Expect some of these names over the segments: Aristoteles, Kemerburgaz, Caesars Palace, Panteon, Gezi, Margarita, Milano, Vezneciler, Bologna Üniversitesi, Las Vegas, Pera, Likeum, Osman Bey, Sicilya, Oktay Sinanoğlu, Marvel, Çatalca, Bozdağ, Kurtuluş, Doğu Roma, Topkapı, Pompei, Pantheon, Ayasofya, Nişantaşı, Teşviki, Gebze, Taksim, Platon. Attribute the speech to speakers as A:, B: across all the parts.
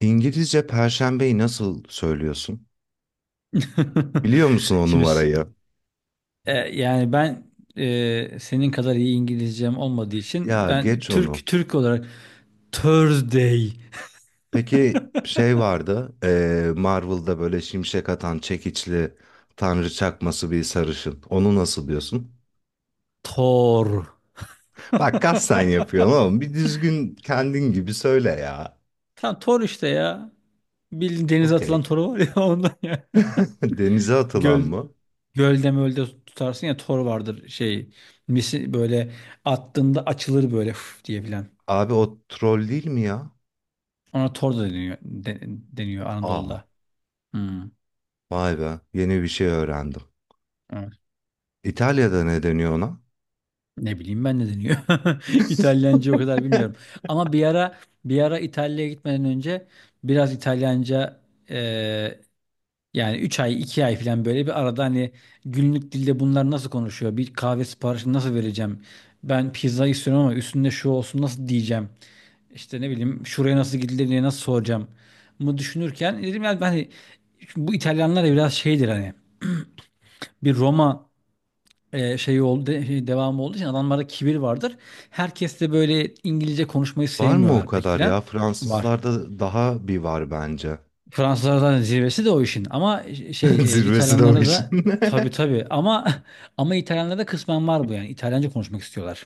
A: İngilizce perşembeyi nasıl söylüyorsun? Biliyor musun o
B: Şimdi,
A: numarayı?
B: yani ben, senin kadar iyi İngilizcem olmadığı için
A: Ya
B: ben
A: geç onu.
B: Türk Türk olarak Thursday.
A: Peki şey vardı, Marvel'da böyle şimşek atan çekiçli tanrı çakması bir sarışın. Onu nasıl diyorsun?
B: Thor.
A: Bak kasten yapıyorsun oğlum. Bir düzgün kendin gibi söyle ya.
B: Tam Thor işte ya. Bildiğin denize
A: Okey.
B: atılan toru var ya, ondan ya.
A: Denize atılan
B: Göl
A: mı?
B: Gölde mölde tutarsın ya, tor vardır şey. Misi böyle attığında açılır böyle, "Üf" diye diyebilen.
A: Abi o troll değil mi ya?
B: Ona tor da deniyor, deniyor
A: Aa,
B: Anadolu'da. Hmm.
A: vay be. Yeni bir şey öğrendim.
B: Evet.
A: İtalya'da ne deniyor ona?
B: Ne bileyim ben ne deniyor. İtalyanca o kadar bilmiyorum. Ama bir ara İtalya'ya gitmeden önce biraz İtalyanca, e, yani 3 ay 2 ay falan böyle bir arada hani günlük dilde bunlar nasıl konuşuyor? Bir kahve siparişini nasıl vereceğim? Ben pizza istiyorum ama üstünde şu olsun nasıl diyeceğim? İşte ne bileyim şuraya nasıl gidilir diye nasıl soracağım mı düşünürken dedim ya ben hani bu İtalyanlar da biraz şeydir hani, bir Roma, şey oldu, şey devamı olduğu için adamlarda kibir vardır. Herkes de böyle İngilizce konuşmayı
A: Var mı o
B: sevmiyorlar pek
A: kadar ya?
B: filan. Var.
A: Fransızlarda daha bir var bence.
B: Fransızlar zaten zirvesi de o işin. Ama şey,
A: Zirvesi de o
B: İtalyanlarda
A: işin.
B: da tabii tabii, ama ama İtalyanlarda kısmen var bu yani. İtalyanca konuşmak istiyorlar.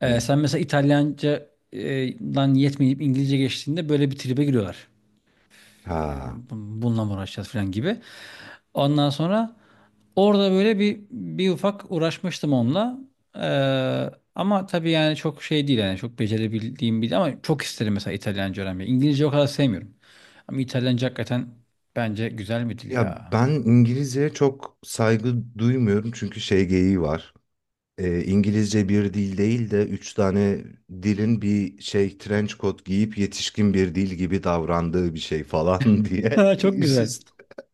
A: Hmm.
B: Sen mesela İtalyanca, dan yetmeyip İngilizce geçtiğinde böyle bir tribe giriyorlar filan ya.
A: Ha.
B: Bununla mı uğraşacağız filan gibi. Ondan sonra orada böyle bir ufak uğraşmıştım onunla. Ama tabii yani çok şey değil yani çok becerebildiğim bir, ama çok isterim mesela İtalyanca öğrenmeyi. İngilizce o kadar sevmiyorum. Ama İtalyanca hakikaten bence güzel bir dil
A: Ya
B: ya.
A: ben İngilizceye çok saygı duymuyorum çünkü şey geyiği var. İngilizce bir dil değil de üç tane dilin bir şey trench coat giyip yetişkin bir dil gibi davrandığı bir şey falan diye.
B: Çok
A: Üst
B: güzel.
A: üste.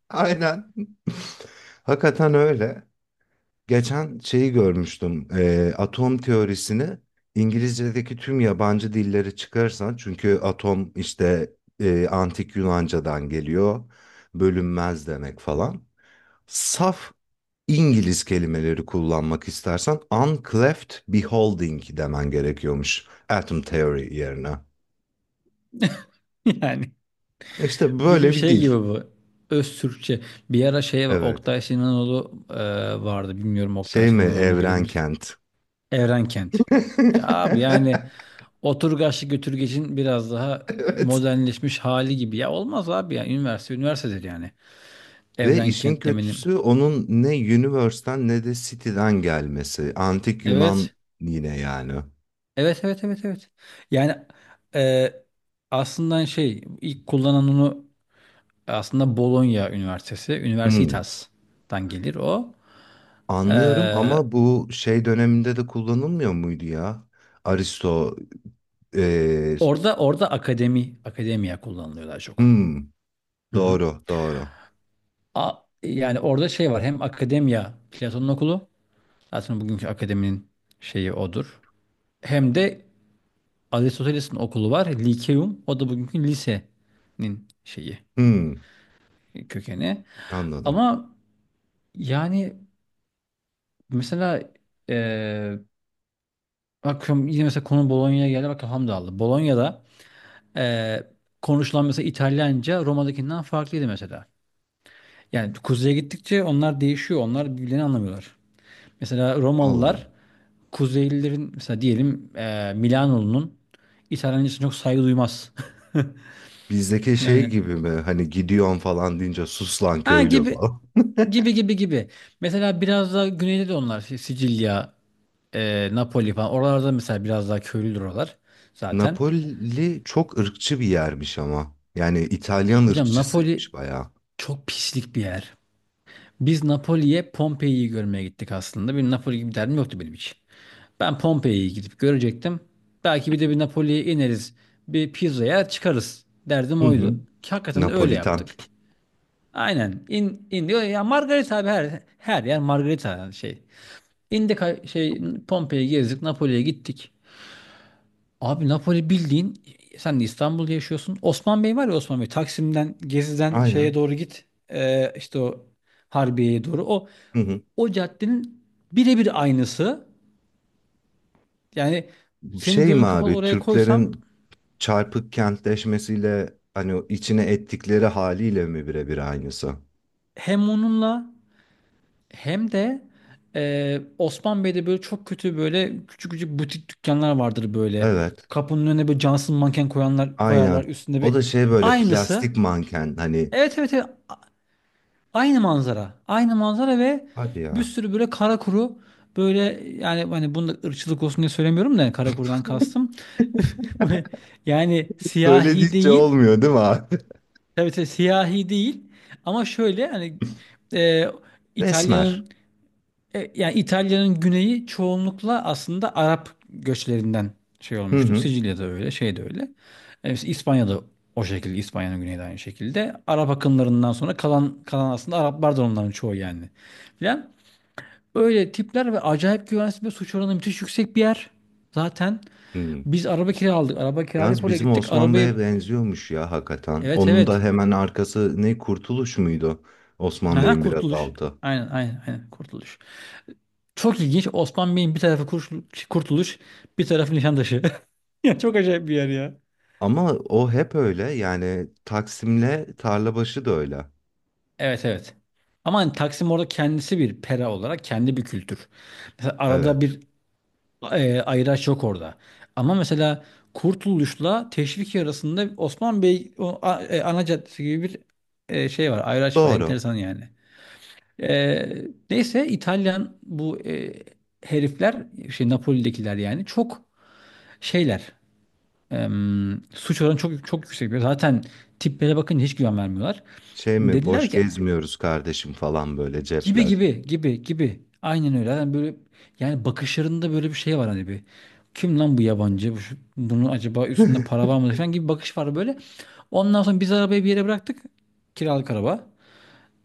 A: Aynen. Hakikaten öyle. Geçen şeyi görmüştüm. Atom teorisini İngilizce'deki tüm yabancı dilleri çıkarsan çünkü atom işte antik Yunanca'dan geliyor. Bölünmez demek falan. Saf İngiliz kelimeleri kullanmak istersen uncleft beholding demen gerekiyormuş atom theory yerine.
B: Yani
A: İşte
B: bizim
A: böyle bir
B: şey gibi
A: dil.
B: bu. Öz Türkçe. Bir ara şey
A: Evet.
B: Oktay Sinanoğlu, vardı. Bilmiyorum, Oktay
A: Şey mi
B: Sinanoğlu'nu bilir misin?
A: Evrenkent?
B: Evrenkent. Ya abi yani Oturgaçlı götürgecin biraz daha
A: Evet.
B: modernleşmiş hali gibi. Ya olmaz abi ya. Üniversite üniversitedir yani.
A: Ve
B: Evren
A: işin
B: kentlemenim.
A: kötüsü onun ne Universe'ten ne de City'den gelmesi. Antik Yunan
B: Evet.
A: yine yani.
B: Evet evet evet evet. Yani, e, aslında şey ilk kullanan onu, aslında Bologna Üniversitesi.
A: Hmm,
B: Universitas'tan gelir o.
A: anlıyorum
B: E,
A: ama bu şey döneminde de kullanılmıyor muydu ya? Aristo, eee,
B: orada akademi akademiya kullanılıyor daha çok.
A: hmm,
B: Hı hı.
A: doğru, doğru.
B: Yani orada şey var, hem akademiya Platon'un okulu, zaten bugünkü akademinin şeyi odur. Hem de Aristoteles'in okulu var. Likeum. O da bugünkü lisenin şeyi,
A: Hmm,
B: kökeni.
A: anladım.
B: Ama yani mesela eee bakıyorum yine mesela konu Bolonya'ya geldi. Bakın Hamdallı. Bolonya'da eee, konuşulan mesela İtalyanca Roma'dakinden farklıydı mesela. Yani kuzeye gittikçe onlar değişiyor. Onlar birbirlerini anlamıyorlar. Mesela
A: Allah Allah.
B: Romalılar Kuzeylilerin, mesela diyelim Milanoğlu'nun İtalyancasına çok saygı duymaz.
A: Bizdeki şey
B: Yani,
A: gibi mi? Hani gidiyorsun falan deyince sus lan
B: ha,
A: köylü
B: gibi
A: falan.
B: gibi gibi gibi. Mesela biraz daha güneyde de onlar, Sicilya, Napoli falan. Oralarda mesela biraz daha köylüdür oralar zaten.
A: Napoli çok ırkçı bir yermiş ama. Yani İtalyan
B: Hocam Napoli
A: ırkçısıymış bayağı.
B: çok pislik bir yer. Biz Napoli'ye Pompei'yi görmeye gittik aslında. Benim Napoli gibi derdim yoktu benim hiç. Ben Pompei'yi gidip görecektim. Belki bir de bir Napoli'ye ineriz. Bir pizza yer çıkarız. Derdim
A: Hı hı.
B: oydu. Ki hakikaten de öyle
A: Napolitan.
B: yaptık. Aynen. İn, in diyor ya, Margarita abi, her yer Margarita yani şey. İndik, şey, Pompei'yi gezdik, Napoli'ye gittik. Abi Napoli, bildiğin sen de İstanbul'da yaşıyorsun. Osman Bey var ya, Osman Bey, Taksim'den, Gezi'den şeye
A: Aynen.
B: doğru git. İşte o Harbiye'ye doğru. O
A: Hı hı.
B: o caddenin birebir aynısı. Yani senin
A: Şey mi
B: gözün kapalı
A: abi
B: oraya koysam,
A: Türklerin çarpık kentleşmesiyle hani o içine ettikleri haliyle mi birebir aynısı?
B: hem onunla hem de, Osman Bey'de böyle çok kötü böyle küçük küçük butik dükkanlar vardır böyle.
A: Evet.
B: Kapının önüne böyle cansız manken koyanlar koyarlar,
A: Aynen.
B: üstünde
A: O
B: bir,
A: da şey böyle
B: aynısı.
A: plastik manken hani
B: Evet evet evet. Aynı manzara. Aynı manzara ve
A: hadi
B: bir
A: ya.
B: sürü böyle kara kuru böyle, yani hani bunda da ırkçılık olsun diye söylemiyorum da, yani kara kurudan kastım. Böyle, yani
A: Böyle
B: siyahi
A: deyince
B: değil.
A: olmuyor değil mi abi?
B: Tabii tabii siyahi değil. Ama şöyle hani, e,
A: Resmer.
B: İtalya'nın, yani İtalya'nın güneyi çoğunlukla aslında Arap göçlerinden şey
A: Hı
B: olmuştur.
A: hı.
B: Sicilya'da öyle, şey de öyle. Mesela İspanya'da o şekilde, İspanya'nın güneyi de aynı şekilde. Arap akınlarından sonra kalan aslında, Araplar da onların çoğu yani. Filan. Öyle tipler, ve acayip güvensiz ve suç oranı müthiş yüksek bir yer. Zaten
A: Hı.
B: biz araba kiraladık. Araba kiralayıp
A: Yalnız
B: oraya
A: bizim
B: gittik.
A: Osman
B: Arabayı.
A: Bey'e benziyormuş ya hakikaten.
B: Evet
A: Onun da
B: evet.
A: hemen arkası ne Kurtuluş muydu? Osman
B: Aha,
A: Bey'in biraz
B: kurtuluş.
A: altı.
B: Aynen aynen aynen kurtuluş. Çok ilginç. Osman Bey'in bir tarafı kurtuluş, bir tarafı Nişantaşı. Ya çok acayip bir yer ya.
A: Ama o hep öyle yani Taksim'le Tarlabaşı da öyle.
B: Evet evet. Ama hani Taksim orada kendisi bir pera olarak kendi bir kültür. Mesela arada
A: Evet.
B: bir, ayıraç yok orada. Ama mesela Kurtuluş'la Teşviki arasında Osman Bey, ana caddesi gibi bir, şey var. Ayıraç var.
A: Doğru.
B: Enteresan yani. E, Neyse, İtalyan bu, herifler şey, Napoli'dekiler yani çok şeyler. Suç oranı çok çok yüksek. Zaten tiplere bakınca hiç güven vermiyorlar.
A: Şey mi
B: Dediler
A: boş
B: ki,
A: gezmiyoruz kardeşim falan böyle
B: gibi
A: cepler.
B: gibi gibi gibi. Aynen öyle. Yani böyle, yani bakışlarında böyle bir şey var hani, bir. Kim lan bu yabancı? Bunun acaba üstünde para var mı falan gibi bir bakış var böyle. Ondan sonra biz arabayı bir yere bıraktık. Kiralık araba.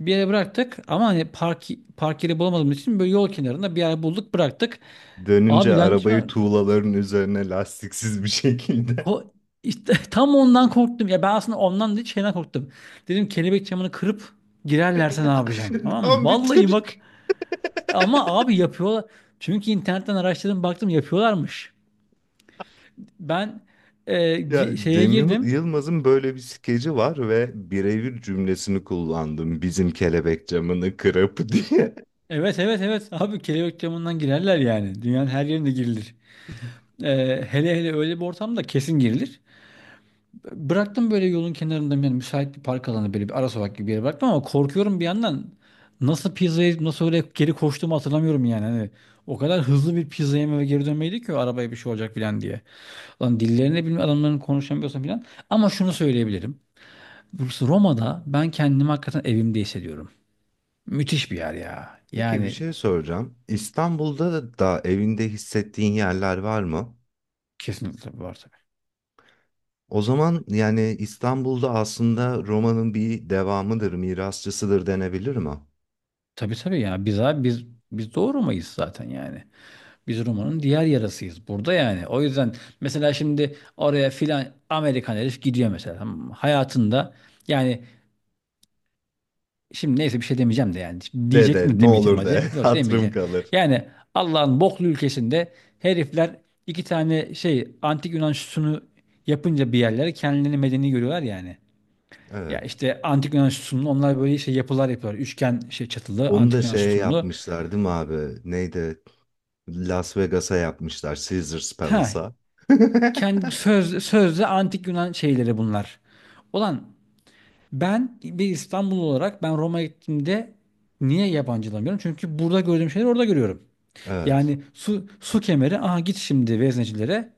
B: Bir yere bıraktık ama hani park yeri bulamadığımız için böyle yol kenarında bir yer bulduk, bıraktık.
A: Dönünce
B: Abi ben şimdi,
A: arabayı tuğlaların üzerine lastiksiz bir şekilde.
B: ko- işte, tam ondan korktum. Ya ben aslında ondan değil, şeyden korktum. Dedim, kelebek camını kırıp girerlerse ne yapacağım? Tamam mı?
A: Tam bir
B: Vallahi bak.
A: Türk.
B: Ama abi yapıyorlar. Çünkü internetten araştırdım, baktım, yapıyorlarmış. Ben,
A: Ya
B: şeye girdim.
A: Yılmaz'ın böyle bir skeci var ve birebir cümlesini kullandım. Bizim kelebek camını kırıp diye.
B: Evet evet evet, abi kelebek camından girerler yani. Dünyanın her yerinde girilir. Hele hele öyle bir ortamda kesin girilir. Bıraktım böyle yolun kenarında, yani müsait bir park alanı, böyle bir ara sokak gibi bir yere bıraktım ama korkuyorum bir yandan. Nasıl pizza yiyip nasıl öyle geri koştuğumu hatırlamıyorum yani. Hani o kadar hızlı bir pizza yeme ve geri dönmeydi ki, o arabaya bir şey olacak filan diye. Lan dillerini bilmiyorum adamların, konuşamıyorsam filan. Ama şunu söyleyebilirim. Burası, Roma'da ben kendimi hakikaten evimde hissediyorum. Müthiş bir yer ya.
A: Peki bir
B: Yani
A: şey soracağım. İstanbul'da da evinde hissettiğin yerler var mı?
B: kesinlikle var tabii.
A: O zaman yani İstanbul'da aslında romanın bir devamıdır, mirasçısıdır denebilir mi?
B: Tabii tabii ya. Biz abi biz Doğu Roma'yız zaten yani. Biz Roma'nın diğer yarasıyız burada yani. O yüzden mesela şimdi oraya filan Amerikan herif gidiyor mesela. Tamam mı? Hayatında, yani şimdi neyse bir şey demeyeceğim de yani. Şimdi,
A: De
B: diyecek
A: de
B: mi
A: ne
B: demeyeceğim,
A: olur de
B: hadi. Yok,
A: hatırım
B: demeyeceğim.
A: kalır.
B: Yani Allah'ın boklu ülkesinde herifler iki tane şey antik Yunan sütunu yapınca bir yerlere kendilerini medeni görüyorlar yani. Ya
A: Evet.
B: işte antik Yunan sütunlu onlar böyle şey yapılar yapıyorlar. Üçgen şey çatılı,
A: Onu da
B: antik Yunan
A: şeye
B: sütunlu.
A: yapmışlar değil mi abi? Neydi? Las Vegas'a yapmışlar. Caesars
B: Ha,
A: Palace'a.
B: kendi, sözde antik Yunan şeyleri bunlar. Ulan ben bir İstanbul olarak ben Roma'ya gittiğimde niye yabancılamıyorum? Çünkü burada gördüğüm şeyleri orada görüyorum.
A: Evet.
B: Yani su kemeri, aha git şimdi veznecilere.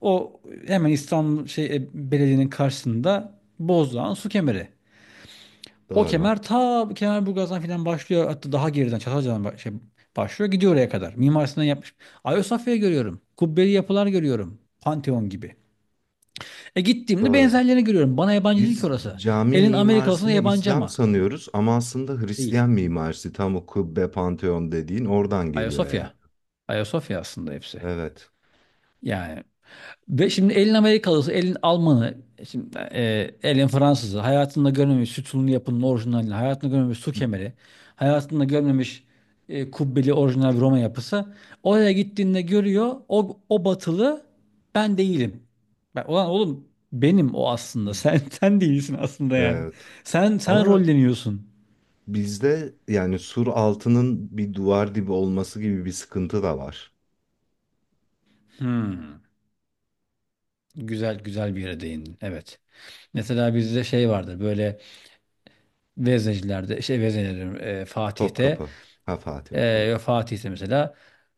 B: O hemen İstanbul şey, belediyenin karşısında Bozdağ'ın su kemeri. O
A: Doğru.
B: kemer ta Kemerburgaz'dan filan başlıyor. Hatta daha geriden Çatalca'dan, şey başlıyor. Gidiyor oraya kadar. Mimar Sinan yapmış. Ayasofya'yı görüyorum. Kubbeli yapılar görüyorum. Pantheon gibi. E gittiğimde
A: Doğru.
B: benzerlerini görüyorum. Bana yabancı değil ki
A: Biz
B: orası.
A: cami
B: Elin Amerikalısına
A: mimarisini
B: yabancı
A: İslam
B: ama.
A: sanıyoruz ama aslında
B: Değil.
A: Hristiyan mimarisi tam o kubbe panteon dediğin oradan geliyor yani.
B: Ayasofya. Ayasofya aslında, hepsi.
A: Evet.
B: Yani, ve şimdi elin Amerikalısı, elin Almanı, şimdi, elin Fransızı, hayatında görmemiş sütunlu yapının orijinalini, hayatında görmemiş su kemeri, hayatında görmemiş, kubbeli orijinal bir Roma yapısı. Oraya gittiğinde görüyor, o batılı ben değilim. Ben, ulan oğlum benim o
A: Hı.
B: aslında, sen, sen değilsin aslında yani.
A: Evet.
B: Sen
A: Ama
B: rolleniyorsun.
A: bizde yani sur altının bir duvar dibi olması gibi bir sıkıntı da var.
B: Hmm. Güzel güzel bir yere değindin. Evet. Mesela bizde şey vardır böyle, Veznecilerde, şey Veznecilerim, Fatih'te.
A: Topkapı. Ha Fatih okey.
B: Fatih ise mesela,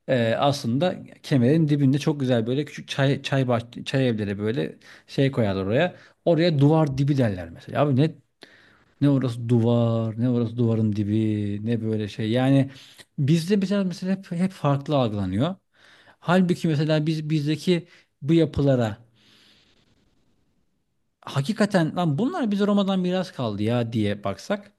B: aslında kemerin dibinde çok güzel böyle küçük çay evleri böyle şey koyarlar oraya. Oraya duvar dibi derler mesela. Abi ne orası duvar, ne orası duvarın dibi, ne böyle şey. Yani bizde mesela hep farklı algılanıyor. Halbuki mesela bizdeki bu yapılara, hakikaten lan bunlar bize Roma'dan miras kaldı ya diye baksak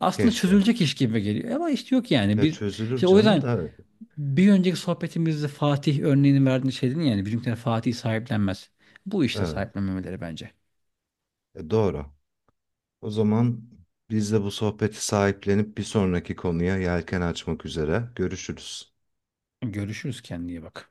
B: aslında
A: Keşke.
B: çözülecek iş gibi geliyor. Ama işte yok yani.
A: Ya çözülür
B: İşte o
A: canım
B: yüzden,
A: da
B: bir önceki sohbetimizde Fatih örneğini verdiğin şey dedin yani bizimkiler Fatih sahiplenmez. Bu işte
A: evet.
B: sahiplenmemeleri bence.
A: E, doğru. O zaman biz de bu sohbeti sahiplenip bir sonraki konuya yelken açmak üzere görüşürüz.
B: Görüşürüz, kendine iyi bak.